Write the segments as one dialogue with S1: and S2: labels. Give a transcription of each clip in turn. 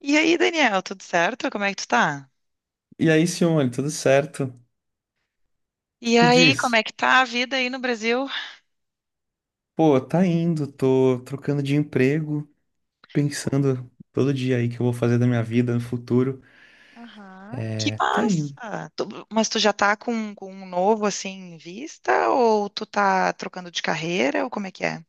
S1: E aí, Daniel, tudo certo? Como é que tu tá?
S2: E aí, Simone, tudo certo? O que
S1: E
S2: que
S1: aí, como
S2: diz?
S1: é que tá a vida aí no Brasil?
S2: Pô, tá indo, tô trocando de emprego, pensando todo dia aí que eu vou fazer da minha vida no futuro.
S1: Aham, que
S2: É, tá indo.
S1: massa! Mas tu já tá com um novo assim em vista? Ou tu tá trocando de carreira? Ou como é que é?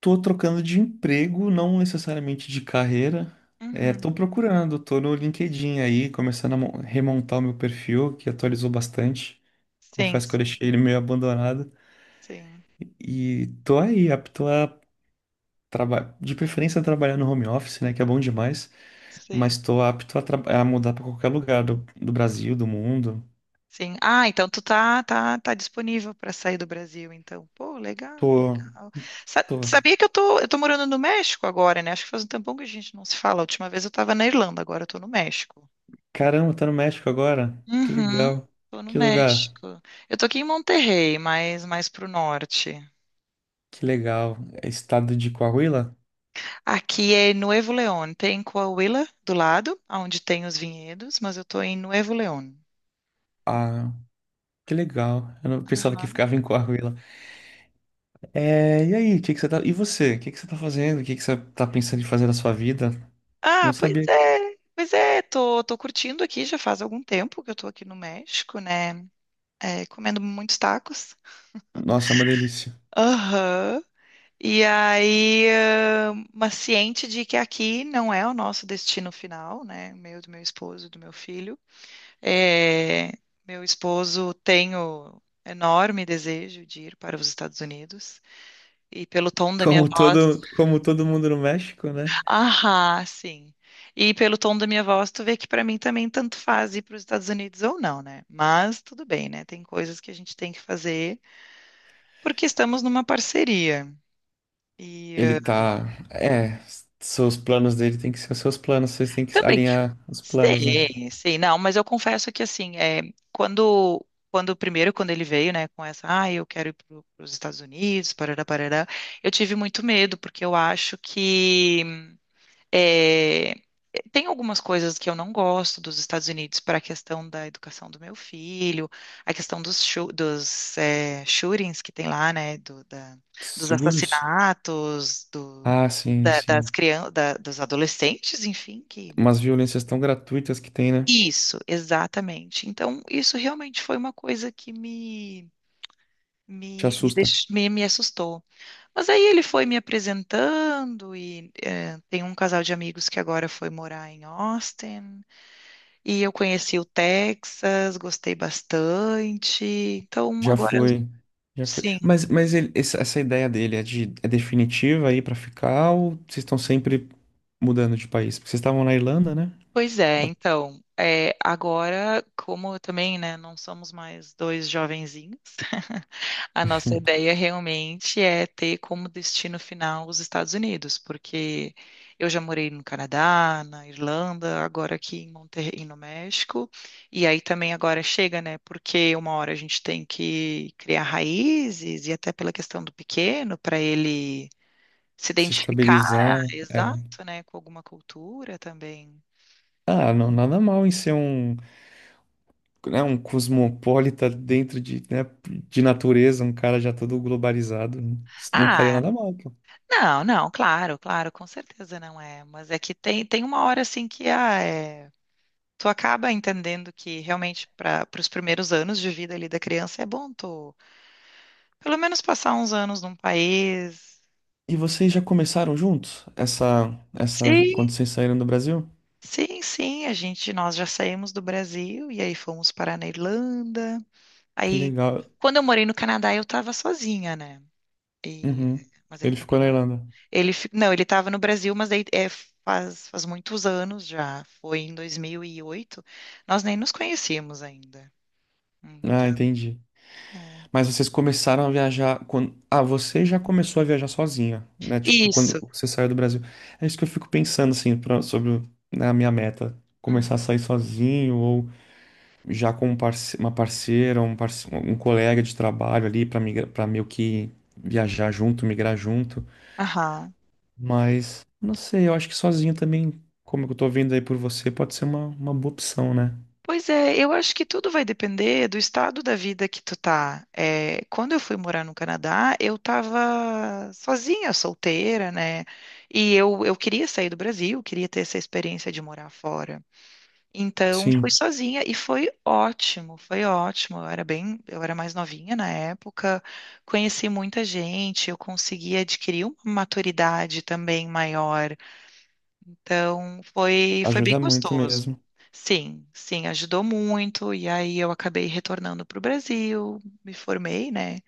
S2: Tô trocando de emprego, não necessariamente de carreira. É,
S1: Uhum.
S2: tô procurando, tô no LinkedIn aí, começando a remontar o meu perfil, que atualizou bastante.
S1: Sim,
S2: Confesso que eu
S1: sim,
S2: deixei ele meio abandonado.
S1: sim,
S2: E tô aí, apto a trabalhar, de preferência trabalhar no home office, né, que é bom demais. Mas
S1: sim,
S2: estou apto a mudar para qualquer lugar do Brasil, do mundo.
S1: sim. Ah, então tu tá, disponível para sair do Brasil, então. Pô, legal,
S2: Tô,
S1: legal.
S2: tô.
S1: Sabia que eu tô morando no México agora, né? Acho que faz um tempão que a gente não se fala. A última vez eu tava na Irlanda, agora eu tô no México.
S2: Caramba, tá no México agora? Que
S1: Uhum.
S2: legal.
S1: Tô no
S2: Que lugar?
S1: México. Eu tô aqui em Monterrey, mas mais pro norte.
S2: Que legal. É estado de Coahuila?
S1: Aqui é Nuevo León. Tem Coahuila do lado, onde tem os vinhedos, mas eu tô em Nuevo León.
S2: Ah, que legal. Eu não pensava que
S1: Aham.
S2: ficava em Coahuila. É, e aí, o que que você tá... E você? O que que você tá fazendo? O que que você tá pensando em fazer na sua vida? Não
S1: Ah, pois
S2: sabia.
S1: é. Pois é, tô curtindo aqui, já faz algum tempo que eu tô aqui no México, né? É, comendo muitos tacos.
S2: Nossa, é uma delícia.
S1: Aham. E aí, mas ciente de que aqui não é o nosso destino final, né? Meu, do meu esposo, do meu filho. É, meu esposo tem o enorme desejo de ir para os Estados Unidos e pelo tom da minha
S2: Como
S1: voz,
S2: todo, como todo mundo no México, né?
S1: ah, sim. E pelo tom da minha voz, tu vê que para mim também tanto faz ir para os Estados Unidos ou não, né? Mas tudo bem, né? Tem coisas que a gente tem que fazer porque estamos numa parceria. E
S2: Ele tá. É, seus planos dele tem que ser os seus planos, vocês têm que
S1: também.
S2: alinhar os planos, né?
S1: Sei, sei, não, mas eu confesso que assim, quando, quando ele veio, né, com essa, ah, eu quero ir para os Estados Unidos, parará, parará, eu tive muito medo, porque eu acho que é, tem algumas coisas que eu não gosto dos Estados Unidos para a questão da educação do meu filho, a questão dos shootings que tem lá, né, dos
S2: Seguros?
S1: assassinatos,
S2: Ah, sim,
S1: das
S2: sim.
S1: crianças, dos adolescentes, enfim, que
S2: Umas violências tão gratuitas que tem, né?
S1: isso, exatamente. Então, isso realmente foi uma coisa que me,
S2: Te
S1: me, me,
S2: assusta.
S1: deix- me, me assustou. Mas aí ele foi me apresentando, e tem um casal de amigos que agora foi morar em Austin, e eu conheci o Texas, gostei bastante. Então,
S2: Já
S1: agora,
S2: foi. Já foi.
S1: sim,
S2: Mas essa ideia dele é de é definitiva aí pra ficar, ou vocês estão sempre mudando de país? Porque vocês estavam na Irlanda, né?
S1: pois é.
S2: Pra
S1: Então, agora, como eu também, né, não somos mais dois jovenzinhos. A nossa ideia realmente é ter como destino final os Estados Unidos, porque eu já morei no Canadá, na Irlanda, agora aqui em Monterrey, no México, e aí também agora chega, né? Porque uma hora a gente tem que criar raízes e até pela questão do pequeno, para ele se
S2: se
S1: identificar,
S2: estabilizar. É.
S1: exato, né, com alguma cultura também.
S2: Ah, não, nada mal em ser um, né, um cosmopolita dentro de, né, de natureza, um cara já todo globalizado, não estaria
S1: Ah,
S2: nada mal, pô.
S1: não, não, claro, claro, com certeza não é, mas é que tem uma hora assim que tu acaba entendendo que realmente para os primeiros anos de vida ali da criança é bom tu pelo menos passar uns anos num país.
S2: E vocês já começaram juntos
S1: Sim,
S2: quando vocês saíram do Brasil?
S1: sim, sim, a gente nós já saímos do Brasil e aí fomos parar na Irlanda.
S2: Que
S1: Aí
S2: legal.
S1: quando eu morei no Canadá eu estava sozinha, né? E
S2: Uhum.
S1: mas aí
S2: Ele ficou
S1: também
S2: na
S1: eu,
S2: Irlanda.
S1: não, ele estava no Brasil, mas aí faz muitos anos já, foi em 2008. Nós nem nos conhecíamos ainda.
S2: Ah,
S1: Então,
S2: entendi.
S1: é.
S2: Mas vocês começaram a viajar quando... Ah, você já começou a viajar sozinha, né? Tipo, quando
S1: Isso.
S2: você saiu do Brasil. É isso que eu fico pensando, assim, sobre né, a minha meta.
S1: Hum.
S2: Começar a sair sozinho ou já com um uma parceira, um colega de trabalho ali para para meio que viajar junto, migrar junto.
S1: Aham.
S2: Mas não sei, eu acho que sozinho também, como eu tô vendo aí por você, pode ser uma boa opção, né?
S1: Pois é, eu acho que tudo vai depender do estado da vida que tu tá. É, quando eu fui morar no Canadá, eu tava sozinha, solteira, né? E eu queria sair do Brasil, queria ter essa experiência de morar fora. Então, fui
S2: Sim,
S1: sozinha e foi ótimo, foi ótimo. Eu era mais novinha na época, conheci muita gente, eu consegui adquirir uma maturidade também maior então, foi bem
S2: ajuda muito
S1: gostoso.
S2: mesmo.
S1: Sim, sim, ajudou muito. E aí eu acabei retornando para o Brasil, me formei, né?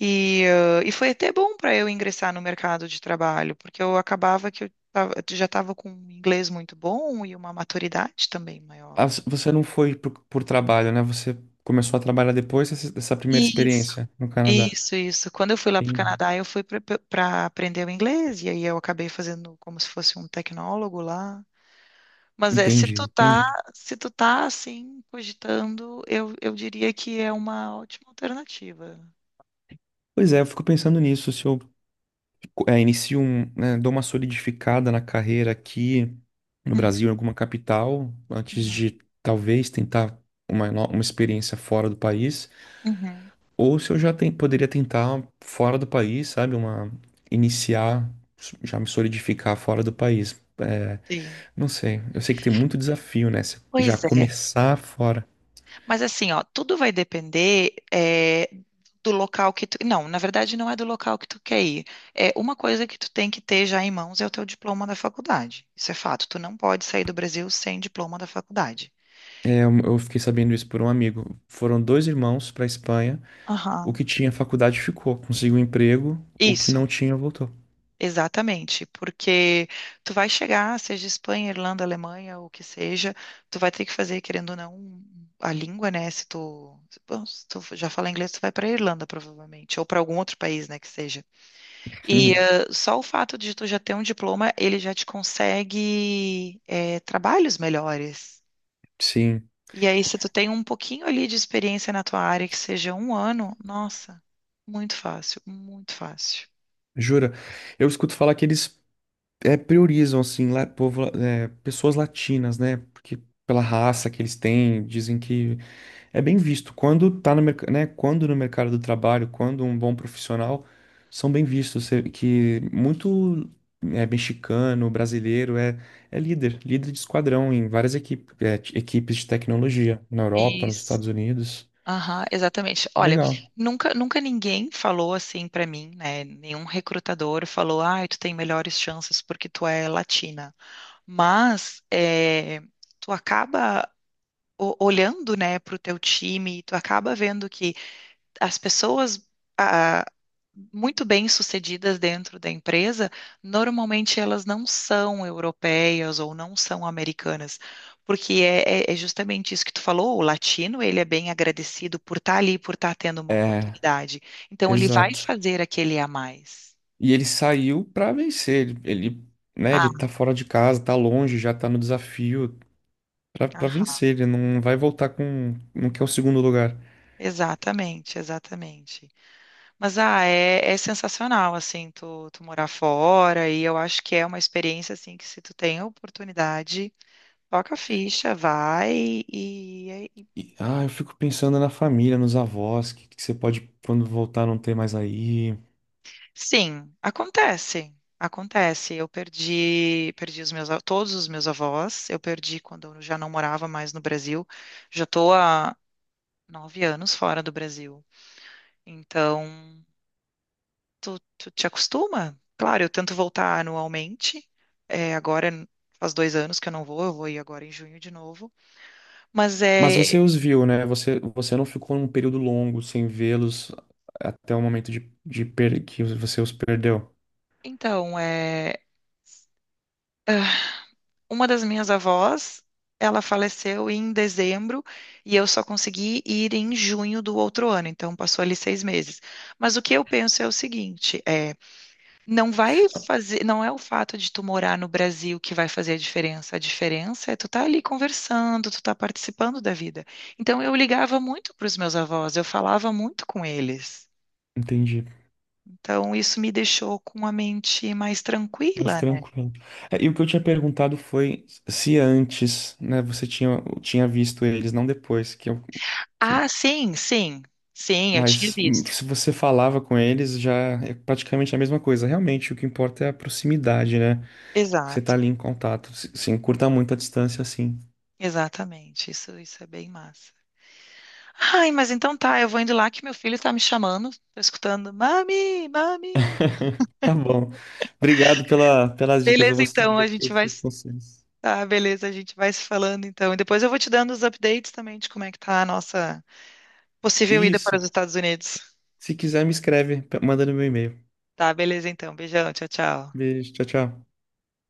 S1: E foi até bom para eu ingressar no mercado de trabalho, porque eu acabava que já estava com um inglês muito bom e uma maturidade também
S2: Ah,
S1: maior.
S2: você não foi por trabalho, né? Você começou a trabalhar depois dessa primeira
S1: Isso,
S2: experiência no Canadá.
S1: isso, isso. Quando eu fui lá para o
S2: Entendi.
S1: Canadá, eu fui para aprender o inglês, e aí eu acabei fazendo como se fosse um tecnólogo lá. Mas se
S2: Entendi,
S1: tu tá,
S2: entendi.
S1: se tu tá assim, cogitando, eu diria que é uma ótima alternativa.
S2: Pois é, eu fico pensando nisso, se eu inicio um, né, dou uma solidificada na carreira aqui no
S1: Uhum,
S2: Brasil, em alguma capital, antes
S1: uhum,
S2: de talvez tentar uma, no- uma experiência fora do país,
S1: uhum.
S2: ou se eu já poderia tentar fora do país, sabe, iniciar, já me solidificar fora do país. É,
S1: Sim.
S2: não sei, eu sei que tem muito desafio, né? Se já
S1: Pois é.
S2: começar fora.
S1: Mas assim, ó, tudo vai depender do local que tu. Não, na verdade, não é do local que tu quer ir. É uma coisa que tu tem que ter já em mãos é o teu diploma da faculdade. Isso é fato. Tu não pode sair do Brasil sem diploma da faculdade.
S2: É, eu fiquei sabendo isso por um amigo. Foram dois irmãos para Espanha. O
S1: Aham.
S2: que tinha faculdade ficou, conseguiu um emprego, o que
S1: Isso.
S2: não tinha voltou.
S1: Exatamente, porque tu vai chegar, seja Espanha, Irlanda, Alemanha, o que seja, tu vai ter que fazer, querendo ou não, a língua, né? Se tu, bom, se tu já fala inglês, tu vai para Irlanda, provavelmente, ou para algum outro país, né, que seja. E
S2: Uhum.
S1: só o fato de tu já ter um diploma, ele já te consegue trabalhos melhores.
S2: Sim,
S1: E aí, se tu tem um pouquinho ali de experiência na tua área, que seja um ano, nossa, muito fácil, muito fácil.
S2: jura. Eu escuto falar que eles, priorizam, assim, povo, pessoas latinas, né? Porque pela raça que eles têm, dizem que é bem visto. Quando tá no mercado, né? Quando no mercado do trabalho, quando um bom profissional, são bem vistos. Que muito, mexicano, brasileiro é líder, líder de esquadrão em várias equipes, equipes de tecnologia na Europa, nos
S1: Isso.
S2: Estados Unidos.
S1: Aham, exatamente. Olha,
S2: Legal.
S1: nunca, nunca ninguém falou assim pra mim, né? Nenhum recrutador falou, ah, tu tem melhores chances porque tu é latina. Mas tu acaba olhando, né, pro teu time, tu acaba vendo que as pessoas muito bem-sucedidas dentro da empresa, normalmente elas não são europeias ou não são americanas, porque é justamente isso que tu falou, o latino, ele é bem agradecido por estar ali, por estar tendo uma
S2: É,
S1: oportunidade. Então, ele vai
S2: exato.
S1: fazer aquele a mais.
S2: E ele saiu pra vencer. Ele, né, ele
S1: Ah,
S2: tá fora de casa, tá longe, já tá no desafio pra
S1: aham,
S2: vencer. Ele não vai voltar com, não quer o segundo lugar.
S1: exatamente, exatamente. Mas, é sensacional, assim, tu morar fora, e eu acho que é uma experiência, assim, que se tu tem a oportunidade... Toca a ficha, vai e,
S2: E, ah, eu fico pensando na família, nos avós, que você pode, quando voltar, não ter mais aí.
S1: sim, acontece. Acontece. Eu perdi todos os meus avós. Eu perdi quando eu já não morava mais no Brasil. Já estou há 9 anos fora do Brasil. Então, tu te acostuma? Claro, eu tento voltar anualmente. É, agora faz 2 anos que eu não vou. Eu vou ir agora em junho de novo. Mas
S2: Mas
S1: é,
S2: você os viu, né? Você não ficou um período longo sem vê-los até o momento de per que você os perdeu.
S1: então, é. Uma das minhas avós, ela faleceu em dezembro e eu só consegui ir em junho do outro ano, então passou ali 6 meses. Mas o que eu penso é o seguinte, não vai fazer, não é o fato de tu morar no Brasil que vai fazer a diferença. A diferença é tu tá ali conversando, tu tá participando da vida. Então eu ligava muito para os meus avós, eu falava muito com eles.
S2: Entendi.
S1: Então isso me deixou com a mente mais
S2: Mas
S1: tranquila, né?
S2: tranquilo. É, e o que eu tinha perguntado foi se antes, né, você tinha visto eles, não depois, que eu, que,
S1: Ah, sim, sim, sim, eu tinha
S2: mas
S1: visto.
S2: se você falava com eles, já é praticamente a mesma coisa. Realmente, o que importa é a proximidade, né? Você tá
S1: Exato.
S2: ali em contato, se encurta muito a distância, assim.
S1: Exatamente, isso é bem massa. Ai, mas então tá, eu vou indo lá que meu filho tá me chamando, tô escutando, mami, mami.
S2: Tá bom. Obrigado pelas dicas, eu
S1: Beleza,
S2: vou
S1: então,
S2: seguir
S1: a
S2: aqui
S1: gente
S2: os
S1: vai,
S2: seus
S1: se-
S2: conselhos.
S1: tá, beleza, a gente vai se falando então. E depois eu vou te dando os updates também de como é que tá a nossa possível ida para
S2: Isso.
S1: os Estados Unidos.
S2: Se quiser, me escreve, manda no meu e-mail.
S1: Tá, beleza então, beijão, tchau, tchau.
S2: Beijo, tchau, tchau.